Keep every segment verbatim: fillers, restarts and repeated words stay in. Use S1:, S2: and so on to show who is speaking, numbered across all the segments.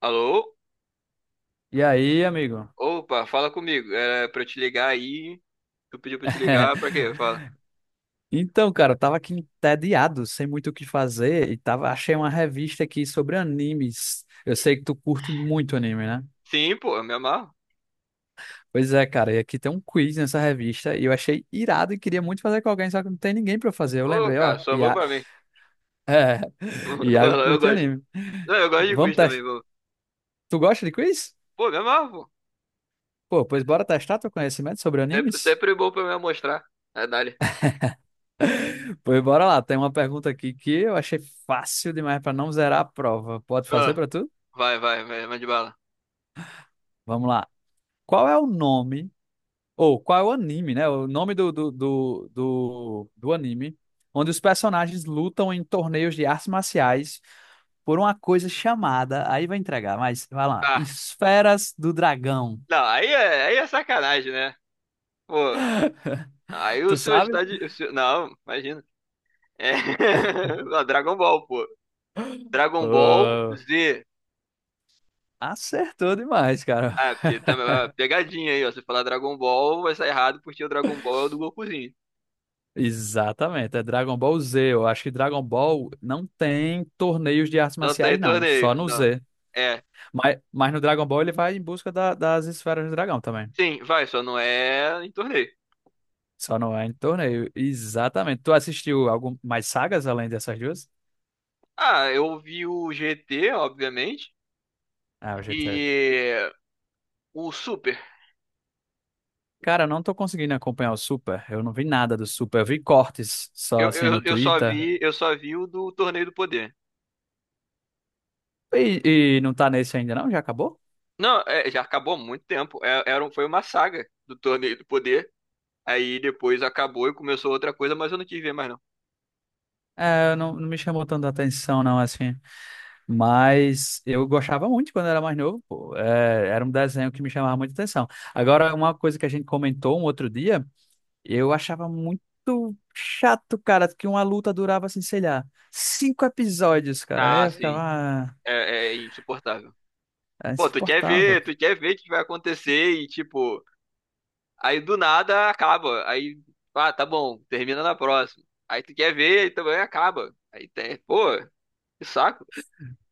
S1: Alô?
S2: E aí, amigo?
S1: Opa, fala comigo. É pra eu te ligar aí. Tu pediu pra eu te ligar pra quê? Fala.
S2: Então, cara, eu tava aqui entediado, sem muito o que fazer, e tava, achei uma revista aqui sobre animes. Eu sei que tu curte muito anime, né?
S1: Sim, pô, eu me amarro.
S2: Pois é, cara, e aqui tem um quiz nessa revista, e eu achei irado e queria muito fazer com alguém, só que não tem ninguém pra fazer. Eu
S1: Ô,
S2: lembrei, ó,
S1: cara, só vou
S2: Ia...
S1: pra mim.
S2: é, Iago
S1: Fala, eu
S2: curte
S1: gosto.
S2: anime.
S1: Não, eu gosto de
S2: Vamos
S1: quiz também,
S2: testar.
S1: pô.
S2: Tu gosta de quiz?
S1: Pô, me amarro, pô.
S2: Pô, pois bora testar teu conhecimento sobre
S1: Sempre,
S2: animes?
S1: sempre bom pra me mostrar. É, dali.
S2: Pois bora lá, tem uma pergunta aqui que eu achei fácil demais pra não zerar a prova. Pode fazer
S1: Ah,
S2: pra tu?
S1: vai, vai, vai, mande bala.
S2: Vamos lá. Qual é o nome, ou qual é o anime, né? O nome do, do, do, do, do anime, onde os personagens lutam em torneios de artes marciais por uma coisa chamada, aí vai entregar, mas vai lá,
S1: Tá.
S2: Esferas do Dragão.
S1: Não, aí é, aí é sacanagem, né? Pô, aí o
S2: Tu
S1: senhor
S2: sabe?
S1: está de. o senhor- Não, imagina. É... Não, Dragon Ball, pô. Dragon Ball
S2: Pô,
S1: Z.
S2: acertou demais, cara.
S1: Ah, é, porque também é pegadinha aí, ó. Se falar Dragon Ball, vai sair errado porque o Dragon Ball é o do Gokuzinho.
S2: Exatamente, é Dragon Ball Z. Eu acho que Dragon Ball não tem torneios de artes
S1: Não tem
S2: marciais, não, só
S1: torneio,
S2: no
S1: não.
S2: Z.
S1: É.
S2: Mas, mas no Dragon Ball ele vai em busca da- das Esferas do Dragão também.
S1: Sim, vai, só não é em torneio.
S2: Só não é em torneio. Exatamente. Tu assistiu algum mais sagas além dessas duas?
S1: Ah, eu vi o G T, obviamente,
S2: Ah, o G T A.
S1: e o Super.
S2: Cara, eu não tô conseguindo acompanhar o Super. Eu não vi nada do Super. Eu vi cortes só
S1: Eu,
S2: assim
S1: eu,
S2: no
S1: eu só
S2: Twitter.
S1: vi, eu só vi o do Torneio do Poder.
S2: E, e não tá nesse ainda, não? Já acabou?
S1: Não, é, já acabou há muito tempo. É, era, um- foi uma saga do Torneio do Poder. Aí depois acabou e começou outra coisa, mas eu não quis ver mais não.
S2: É, não, não me chamou tanta atenção, não, assim. Mas eu gostava muito quando era mais novo, pô. É, era um desenho que me chamava muita atenção. Agora, uma coisa que a gente comentou um outro dia. Eu achava muito chato, cara, que uma luta durava, assim, sei lá, cinco episódios, cara. Aí
S1: Ah,
S2: eu ficava.
S1: sim.
S2: ah,
S1: É, é insuportável.
S2: É
S1: Pô, tu quer
S2: insuportável.
S1: ver, tu quer ver o que vai acontecer e, tipo, aí do nada acaba. Aí, ah, tá bom, termina na próxima. Aí tu quer ver e também acaba. Aí tem, pô, que saco.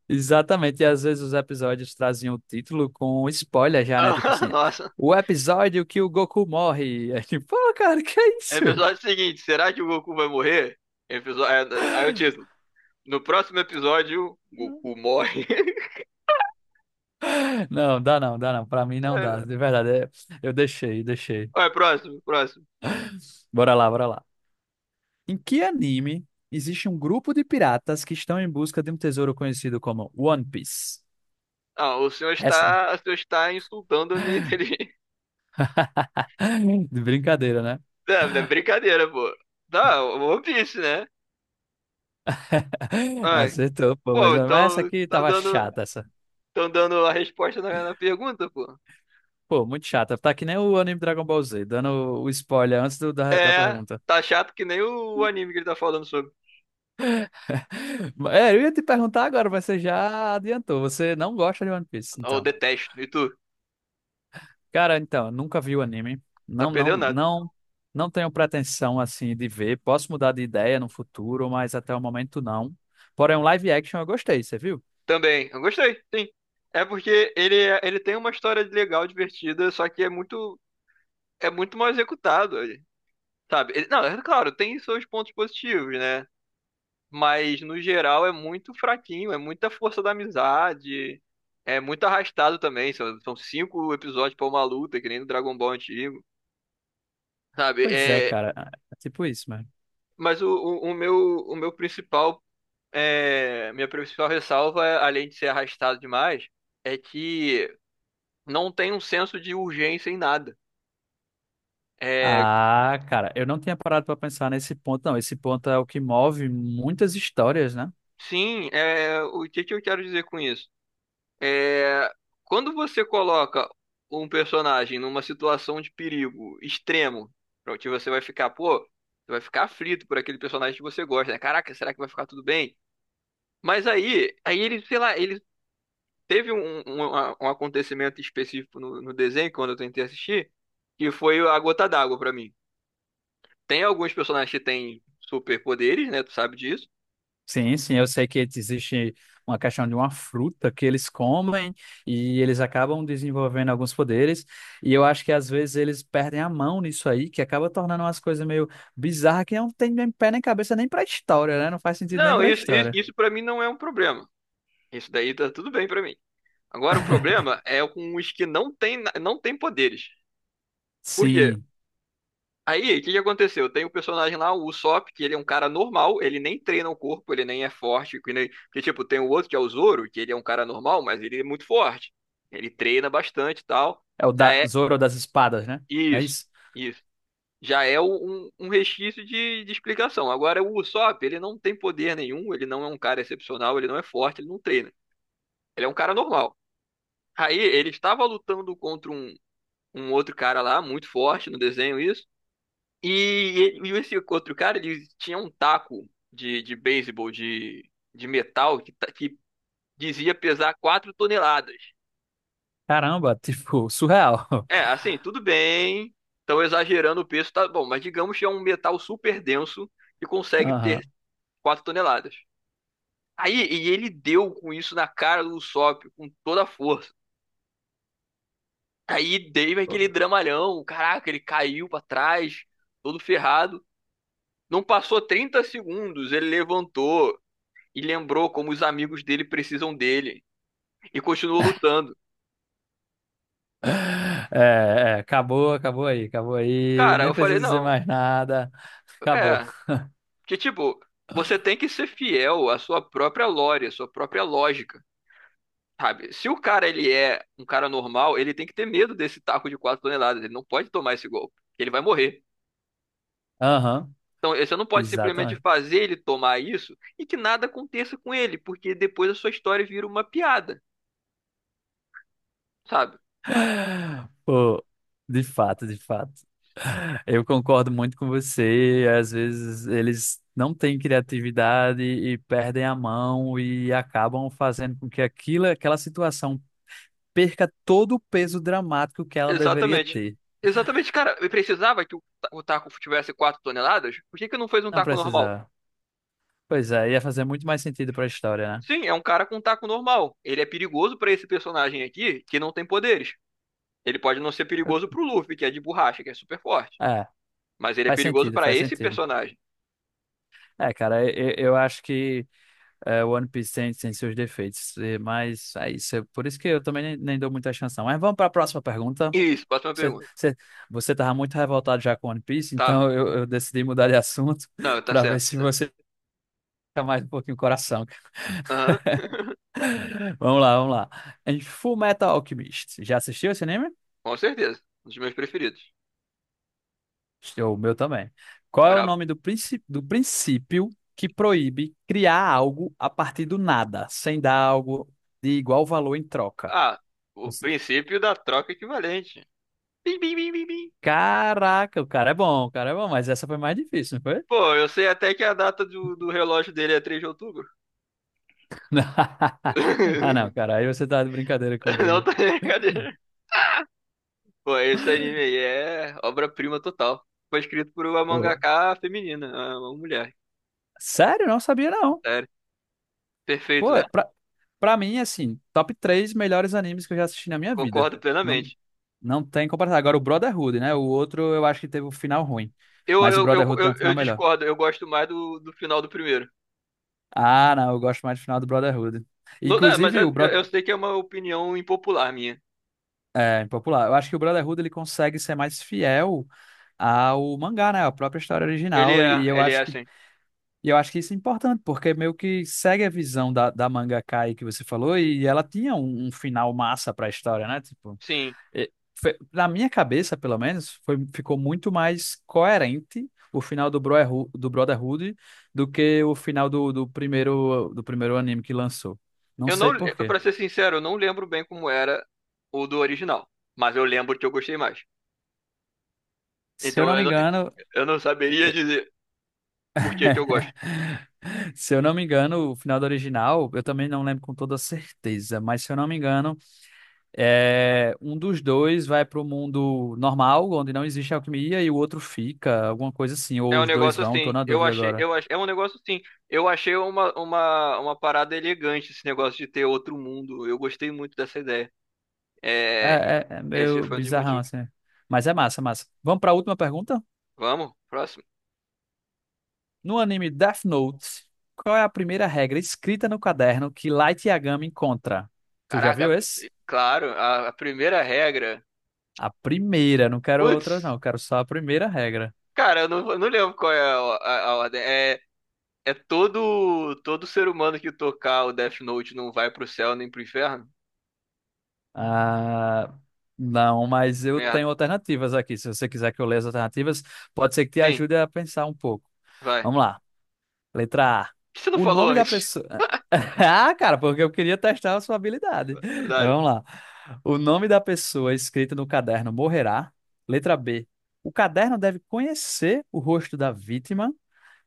S2: Exatamente. E às vezes os episódios traziam o título com spoiler já, né? Tipo
S1: Ah,
S2: assim,
S1: nossa.
S2: o episódio que o Goku morre. É tipo, pô, cara, que é isso?
S1: Episódio seguinte, será que o Goku vai morrer? Episódio, aí o título. No próximo episódio, Goku morre.
S2: Não, dá não, dá não. Pra mim não dá. De verdade, é- eu deixei, deixei.
S1: Olha, próximo, próximo.
S2: Bora lá, bora lá. Em que anime existe um grupo de piratas que estão em busca de um tesouro conhecido como One Piece?
S1: Ah, o senhor
S2: Essa.
S1: está, o senhor está insultando a minha inteligência.
S2: De brincadeira, né?
S1: Não, não é brincadeira, pô. Não, One Piece, né? Ah,
S2: Acertou, pô, mas,
S1: pô,
S2: mas essa
S1: então
S2: aqui
S1: estão
S2: tava
S1: dando,
S2: chata, essa.
S1: tão dando a resposta na, na pergunta, pô.
S2: Pô, muito chata. Tá que nem o anime Dragon Ball Z, dando o o spoiler antes do- da, da
S1: É,
S2: pergunta.
S1: tá chato que nem o anime que ele tá falando sobre.
S2: É, eu ia te perguntar agora, mas você já adiantou. Você não gosta de One Piece,
S1: Eu
S2: então.
S1: detesto, e tu?
S2: Cara, então, eu nunca vi o anime.
S1: Tá
S2: Não, não,
S1: perdendo nada.
S2: não, não tenho pretensão, assim, de ver. Posso mudar de ideia no futuro, mas até o momento não. Porém, um live action eu gostei, você viu?
S1: Também, eu gostei, sim. É porque ele, é- ele tem uma história legal, divertida, só que é muito, é muito mal executado, sabe? Ele- não, é claro, tem seus pontos positivos, né? Mas, no geral, é muito fraquinho, é muita força da amizade, é muito arrastado também. São, são cinco episódios pra uma luta, que nem no Dragon Ball antigo, sabe?
S2: Pois é,
S1: É,
S2: cara. É é tipo isso, mano.
S1: mas o, o, o meu, o meu principal, é, minha principal ressalva, além de ser arrastado demais, é que não tem um senso de urgência em nada. É,
S2: Ah, cara, eu não tinha parado pra pensar nesse ponto, não. Esse ponto é o que move muitas histórias, né?
S1: sim, é, o que que eu quero dizer com isso? É, quando você coloca um personagem numa situação de perigo extremo, pra que você vai ficar, pô, você vai ficar aflito por aquele personagem que você gosta, né? Caraca, será que vai ficar tudo bem? Mas aí, aí ele, sei lá, ele Teve um, um, um acontecimento específico no, no desenho, quando eu tentei assistir, que foi a gota d'água pra mim. Tem alguns personagens que têm superpoderes, né? Tu sabe disso.
S2: Sim, sim, eu sei que existe uma questão de uma fruta que eles comem e eles acabam desenvolvendo alguns poderes, e eu acho que às vezes eles perdem a mão nisso aí, que acaba tornando umas coisas meio bizarras que não tem nem pé nem cabeça nem pra história, né? Não faz sentido nem
S1: Não,
S2: pra
S1: isso, isso,
S2: história.
S1: isso para mim não é um problema. Isso daí tá tudo bem pra mim. Agora, o problema é com os que não têm, na- não têm poderes. Por quê?
S2: Sim,
S1: Aí, o que que aconteceu? Tem o personagem lá, o Usopp, que ele é um cara normal, ele nem treina o corpo, ele nem é forte, que nem... Que, tipo, tem o outro que é o Zoro, que ele é um cara normal, mas ele é muito forte. Ele treina bastante e tal.
S2: é o
S1: Já
S2: da
S1: é
S2: Zoro das espadas, né? Não é
S1: isso,
S2: isso?
S1: isso. Já é um, um um resquício de, de explicação. Agora, o Usopp, ele não tem poder nenhum, ele não é um cara excepcional, ele não é forte, ele não treina. Ele é um cara normal. Aí, ele estava lutando contra um, um outro cara lá, muito forte no desenho, isso. E, e esse outro cara, ele tinha um taco de, de beisebol de, de metal que, ta- que dizia pesar quatro toneladas.
S2: Caramba, tipo, surreal.
S1: É, assim, tudo bem, estão exagerando o peso, tá bom, mas digamos que é um metal super denso que consegue
S2: Aham.
S1: ter quatro toneladas. Aí, e ele deu com isso na cara do Usopp com toda a força. Aí deu aquele dramalhão, caraca, ele caiu pra trás, todo ferrado. Não passou trinta segundos, ele levantou, e lembrou como os amigos dele precisam dele e continuou lutando.
S2: É, é, acabou, acabou aí, acabou aí.
S1: Cara,
S2: Nem
S1: eu falei,
S2: preciso dizer
S1: não,
S2: mais nada. Acabou.
S1: é, que tipo, você tem que ser fiel à sua própria lore, à sua própria lógica, sabe? Se o cara ele é um cara normal, ele tem que ter medo desse taco de quatro toneladas, ele não pode tomar esse golpe, ele vai morrer.
S2: Aham,
S1: Então, você não pode simplesmente
S2: exatamente.
S1: fazer ele tomar isso e que nada aconteça com ele, porque depois a sua história vira uma piada, sabe?
S2: Pô, de fato, de fato. Eu concordo muito com você. Às vezes eles não têm criatividade e perdem a mão e acabam fazendo com que aquilo, aquela situação perca todo o peso dramático que ela deveria
S1: Exatamente.
S2: ter.
S1: Exatamente, cara. Eu precisava que o ta- o taco tivesse quatro toneladas? Por que que não fez um
S2: Não
S1: taco normal?
S2: precisava. Pois é, ia fazer muito mais sentido para a história, né?
S1: Sim, é um cara com um taco normal. Ele é perigoso pra esse personagem aqui, que não tem poderes. Ele pode não ser
S2: Eu-
S1: perigoso pro Luffy, que é de borracha, que é super forte.
S2: É,
S1: Mas ele é
S2: faz
S1: perigoso
S2: sentido,
S1: pra
S2: faz
S1: esse
S2: sentido.
S1: personagem.
S2: É, cara, eu, eu acho que é, One Piece tem, tem, seus defeitos, e- mas é isso. é Por isso que eu também nem, nem dou muita chance, não. Mas vamos para a próxima pergunta.
S1: Isso, próxima
S2: Você,
S1: pergunta.
S2: você, você estava muito revoltado já com One Piece,
S1: Tava.
S2: então eu, eu decidi mudar de assunto
S1: Não, tá
S2: para ver
S1: certo,
S2: se
S1: tá certo.
S2: você fica mais um pouquinho coração.
S1: Aham,
S2: Vamos lá, vamos lá. Em Full Metal Alchemist, já assistiu esse anime?
S1: com certeza. Um dos meus preferidos.
S2: O meu também. Qual é o
S1: Brabo.
S2: nome do, princi- do princípio que proíbe criar algo a partir do nada, sem dar algo de igual valor em troca?
S1: Ah, o princípio da troca equivalente. Bim, bim, bim, bim, bim.
S2: Caraca, o cara é bom, o cara é bom, mas essa foi mais difícil, não foi?
S1: Pô, eu sei até que a data do, do relógio dele é três de outubro.
S2: Ah, não, cara, aí você tá de brincadeira
S1: Não
S2: comigo.
S1: tá brincadeira. Pô, esse anime aí é obra-prima total. Foi escrito por uma
S2: Pô,
S1: mangaka feminina, uma mulher.
S2: sério, não sabia não.
S1: Sério. Perfeito,
S2: Pô,
S1: né?
S2: pra, pra mim, assim, top três melhores animes que eu já assisti na minha vida.
S1: Concordo
S2: Não,
S1: plenamente.
S2: não tem comparação. Agora, o Brotherhood, né? O outro eu acho que teve um final ruim,
S1: Eu,
S2: mas o
S1: eu, eu,
S2: Brotherhood tem
S1: eu,
S2: um
S1: eu
S2: final melhor.
S1: discordo, eu gosto mais do, do final do primeiro.
S2: Ah, não, eu gosto mais do final do Brotherhood.
S1: Não, dá, mas é-
S2: Inclusive, o,
S1: eu,
S2: Bro
S1: eu sei que é uma opinião impopular minha.
S2: É, impopular. Eu acho que o Brotherhood ele consegue ser mais fiel ao mangá, né? A própria história
S1: Ele
S2: original. E
S1: é,
S2: eu
S1: ele é
S2: acho que,
S1: assim.
S2: e eu acho que isso é importante, porque meio que segue a visão da, da Kai que você falou, e ela tinha um, um final massa pra história, né? Tipo,
S1: Sim.
S2: e- fe- na minha cabeça, pelo menos, foi, ficou muito mais coerente o final do Brotherhood, do Brotherhood do que o final do, do primeiro, do primeiro anime que lançou. Não
S1: Eu
S2: sei
S1: não,
S2: por quê.
S1: pra ser sincero, eu não lembro bem como era o do original. Mas eu lembro que eu gostei mais.
S2: Se eu
S1: Então
S2: não me
S1: eu, não-
S2: engano.
S1: eu não saberia dizer por que que eu gosto.
S2: Se eu não me engano, o final do original, eu também não lembro com toda certeza, mas se eu não me engano, é, um dos dois vai para o mundo normal, onde não existe alquimia, e o outro fica, alguma coisa assim, ou
S1: É um
S2: os dois
S1: negócio
S2: vão, tô
S1: assim,
S2: na
S1: eu
S2: dúvida
S1: achei,
S2: agora.
S1: eu ach- É um negócio assim, eu achei uma, uma, uma parada elegante esse negócio de ter outro mundo, eu gostei muito dessa ideia,
S2: É,
S1: é,
S2: é, é
S1: esse
S2: meio
S1: foi um dos
S2: bizarrão
S1: motivos.
S2: assim. Mas é massa, massa. Vamos para a última pergunta?
S1: Vamos, próximo.
S2: No anime Death Note, qual é a primeira regra escrita no caderno que Light Yagami encontra? Tu já
S1: Caraca, a-
S2: viu esse?
S1: claro, a, a primeira regra,
S2: A primeira, não quero
S1: putz,
S2: outras não, quero só a primeira regra.
S1: cara, eu não, eu não lembro qual é a, a- a ordem, é, é todo, todo ser humano que tocar o Death Note não vai pro céu nem pro inferno?
S2: Ah, não, mas eu
S1: Merda,
S2: tenho alternativas aqui. Se você quiser que eu leia as alternativas, pode ser que te
S1: sim,
S2: ajude a pensar um pouco.
S1: vai.
S2: Vamos
S1: Por
S2: lá. Letra A.
S1: que você não
S2: O
S1: falou
S2: nome da
S1: antes?
S2: pessoa. Ah, cara, porque eu queria testar a sua habilidade. Mas
S1: Dale.
S2: vamos lá. O nome da pessoa escrito no caderno morrerá. Letra B. O caderno deve conhecer o rosto da vítima.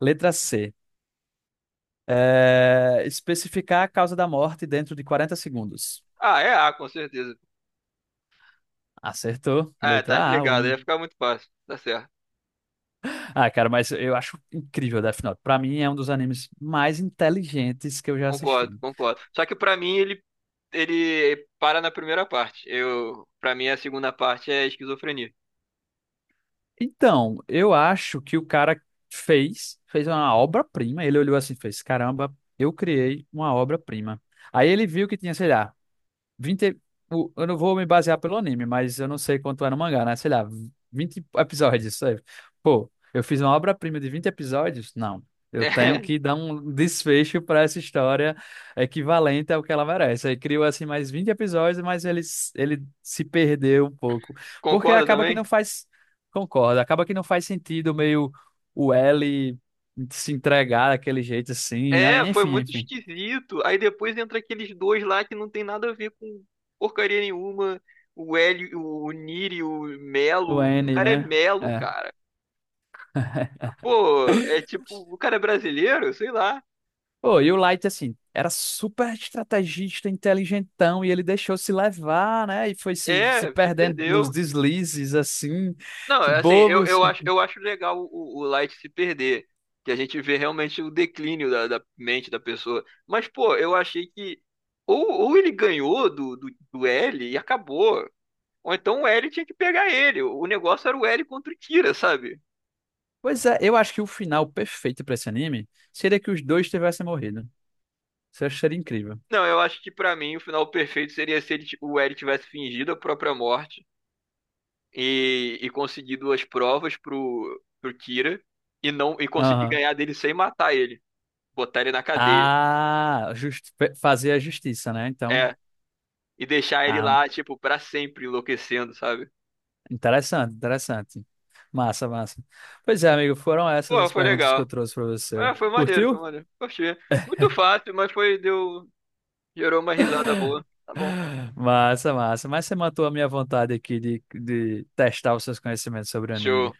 S2: Letra C. eh, Especificar a causa da morte dentro de quarenta segundos.
S1: Ah, é A, com certeza.
S2: Acertou.
S1: É, tá
S2: Letra A.
S1: explicado,
S2: O
S1: ia ficar muito fácil. Tá certo.
S2: Ah, cara, mas eu acho incrível Death Note. Pra mim é um dos animes mais inteligentes que eu já
S1: Concordo,
S2: assisti.
S1: concordo. Só que pra mim ele ele para na primeira parte. Eu, para mim a segunda parte é esquizofrenia.
S2: Então, eu acho que o cara fez, fez uma obra-prima. Ele olhou assim, e fez, caramba, eu criei uma obra-prima. Aí ele viu que tinha, sei lá, vinte o- eu não vou me basear pelo anime, mas eu não sei quanto é no mangá, né? Sei lá, vinte episódios, sabe? Pô, eu fiz uma obra-prima de vinte episódios? Não. Eu tenho
S1: É,
S2: que dar um desfecho para essa história equivalente ao que ela merece. Aí criou assim mais vinte episódios, mas ele, s- ele se perdeu um pouco. Porque
S1: concorda
S2: acaba que
S1: também?
S2: não faz. Concordo, acaba que não faz sentido meio o L se entregar daquele jeito assim, né?
S1: É, foi
S2: Enfim,
S1: muito
S2: enfim.
S1: esquisito. Aí depois entra aqueles dois lá que não tem nada a ver com porcaria nenhuma. O Hélio, o Niri, o
S2: O
S1: Melo. O
S2: N,
S1: cara é
S2: né?
S1: Melo,
S2: É.
S1: cara. Pô, é tipo, o cara é brasileiro, sei lá.
S2: Pô, e o Light, assim, era super estrategista, inteligentão, e ele deixou se levar, né? E foi se, se
S1: É, se
S2: perdendo nos
S1: perdeu.
S2: deslizes, assim,
S1: Não,
S2: que
S1: é assim, eu,
S2: bobos.
S1: eu acho, eu acho legal o, o Light se perder, que a gente vê realmente o declínio da, da mente da pessoa. Mas, pô, eu achei que ou, ou ele ganhou do, do, do L e acabou, ou então o L tinha que pegar ele. O negócio era o L contra o Kira, sabe?
S2: Pois é, eu acho que o final perfeito pra esse anime seria que os dois tivessem morrido. Isso eu seria incrível.
S1: Não, eu acho que pra mim o final perfeito seria se ele, ti- o L tivesse fingido a própria morte e, e conseguido as provas pro, pro Kira e não e conseguir
S2: Aham.
S1: ganhar dele sem matar ele, botar ele na cadeia.
S2: Ah, just, fe- fazer a justiça, né? Então,
S1: É. E deixar ele
S2: ah,
S1: lá, tipo, pra sempre enlouquecendo, sabe?
S2: interessante, interessante. Massa, massa. Pois é, amigo, foram essas
S1: Pô,
S2: as
S1: foi
S2: perguntas que eu
S1: legal.
S2: trouxe pra você.
S1: É, foi maneiro, foi
S2: Curtiu?
S1: maneiro. Gostei. Muito fácil, mas foi, deu, gerou uma risada boa. Tá bom.
S2: Massa, massa. Mas você matou a minha vontade aqui de, de testar os seus conhecimentos sobre anime.
S1: Show.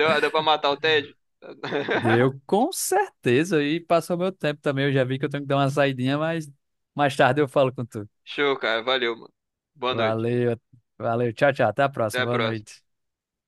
S1: Deu, deu pra matar o Ted?
S2: Deu, com certeza. E passou meu tempo também. Eu já vi que eu tenho que dar uma saidinha, mas mais tarde eu falo com tu.
S1: Show, cara. Valeu, mano. Boa noite.
S2: Valeu, valeu. Tchau, tchau. Até a
S1: Até
S2: próxima.
S1: a
S2: Boa
S1: próxima.
S2: noite.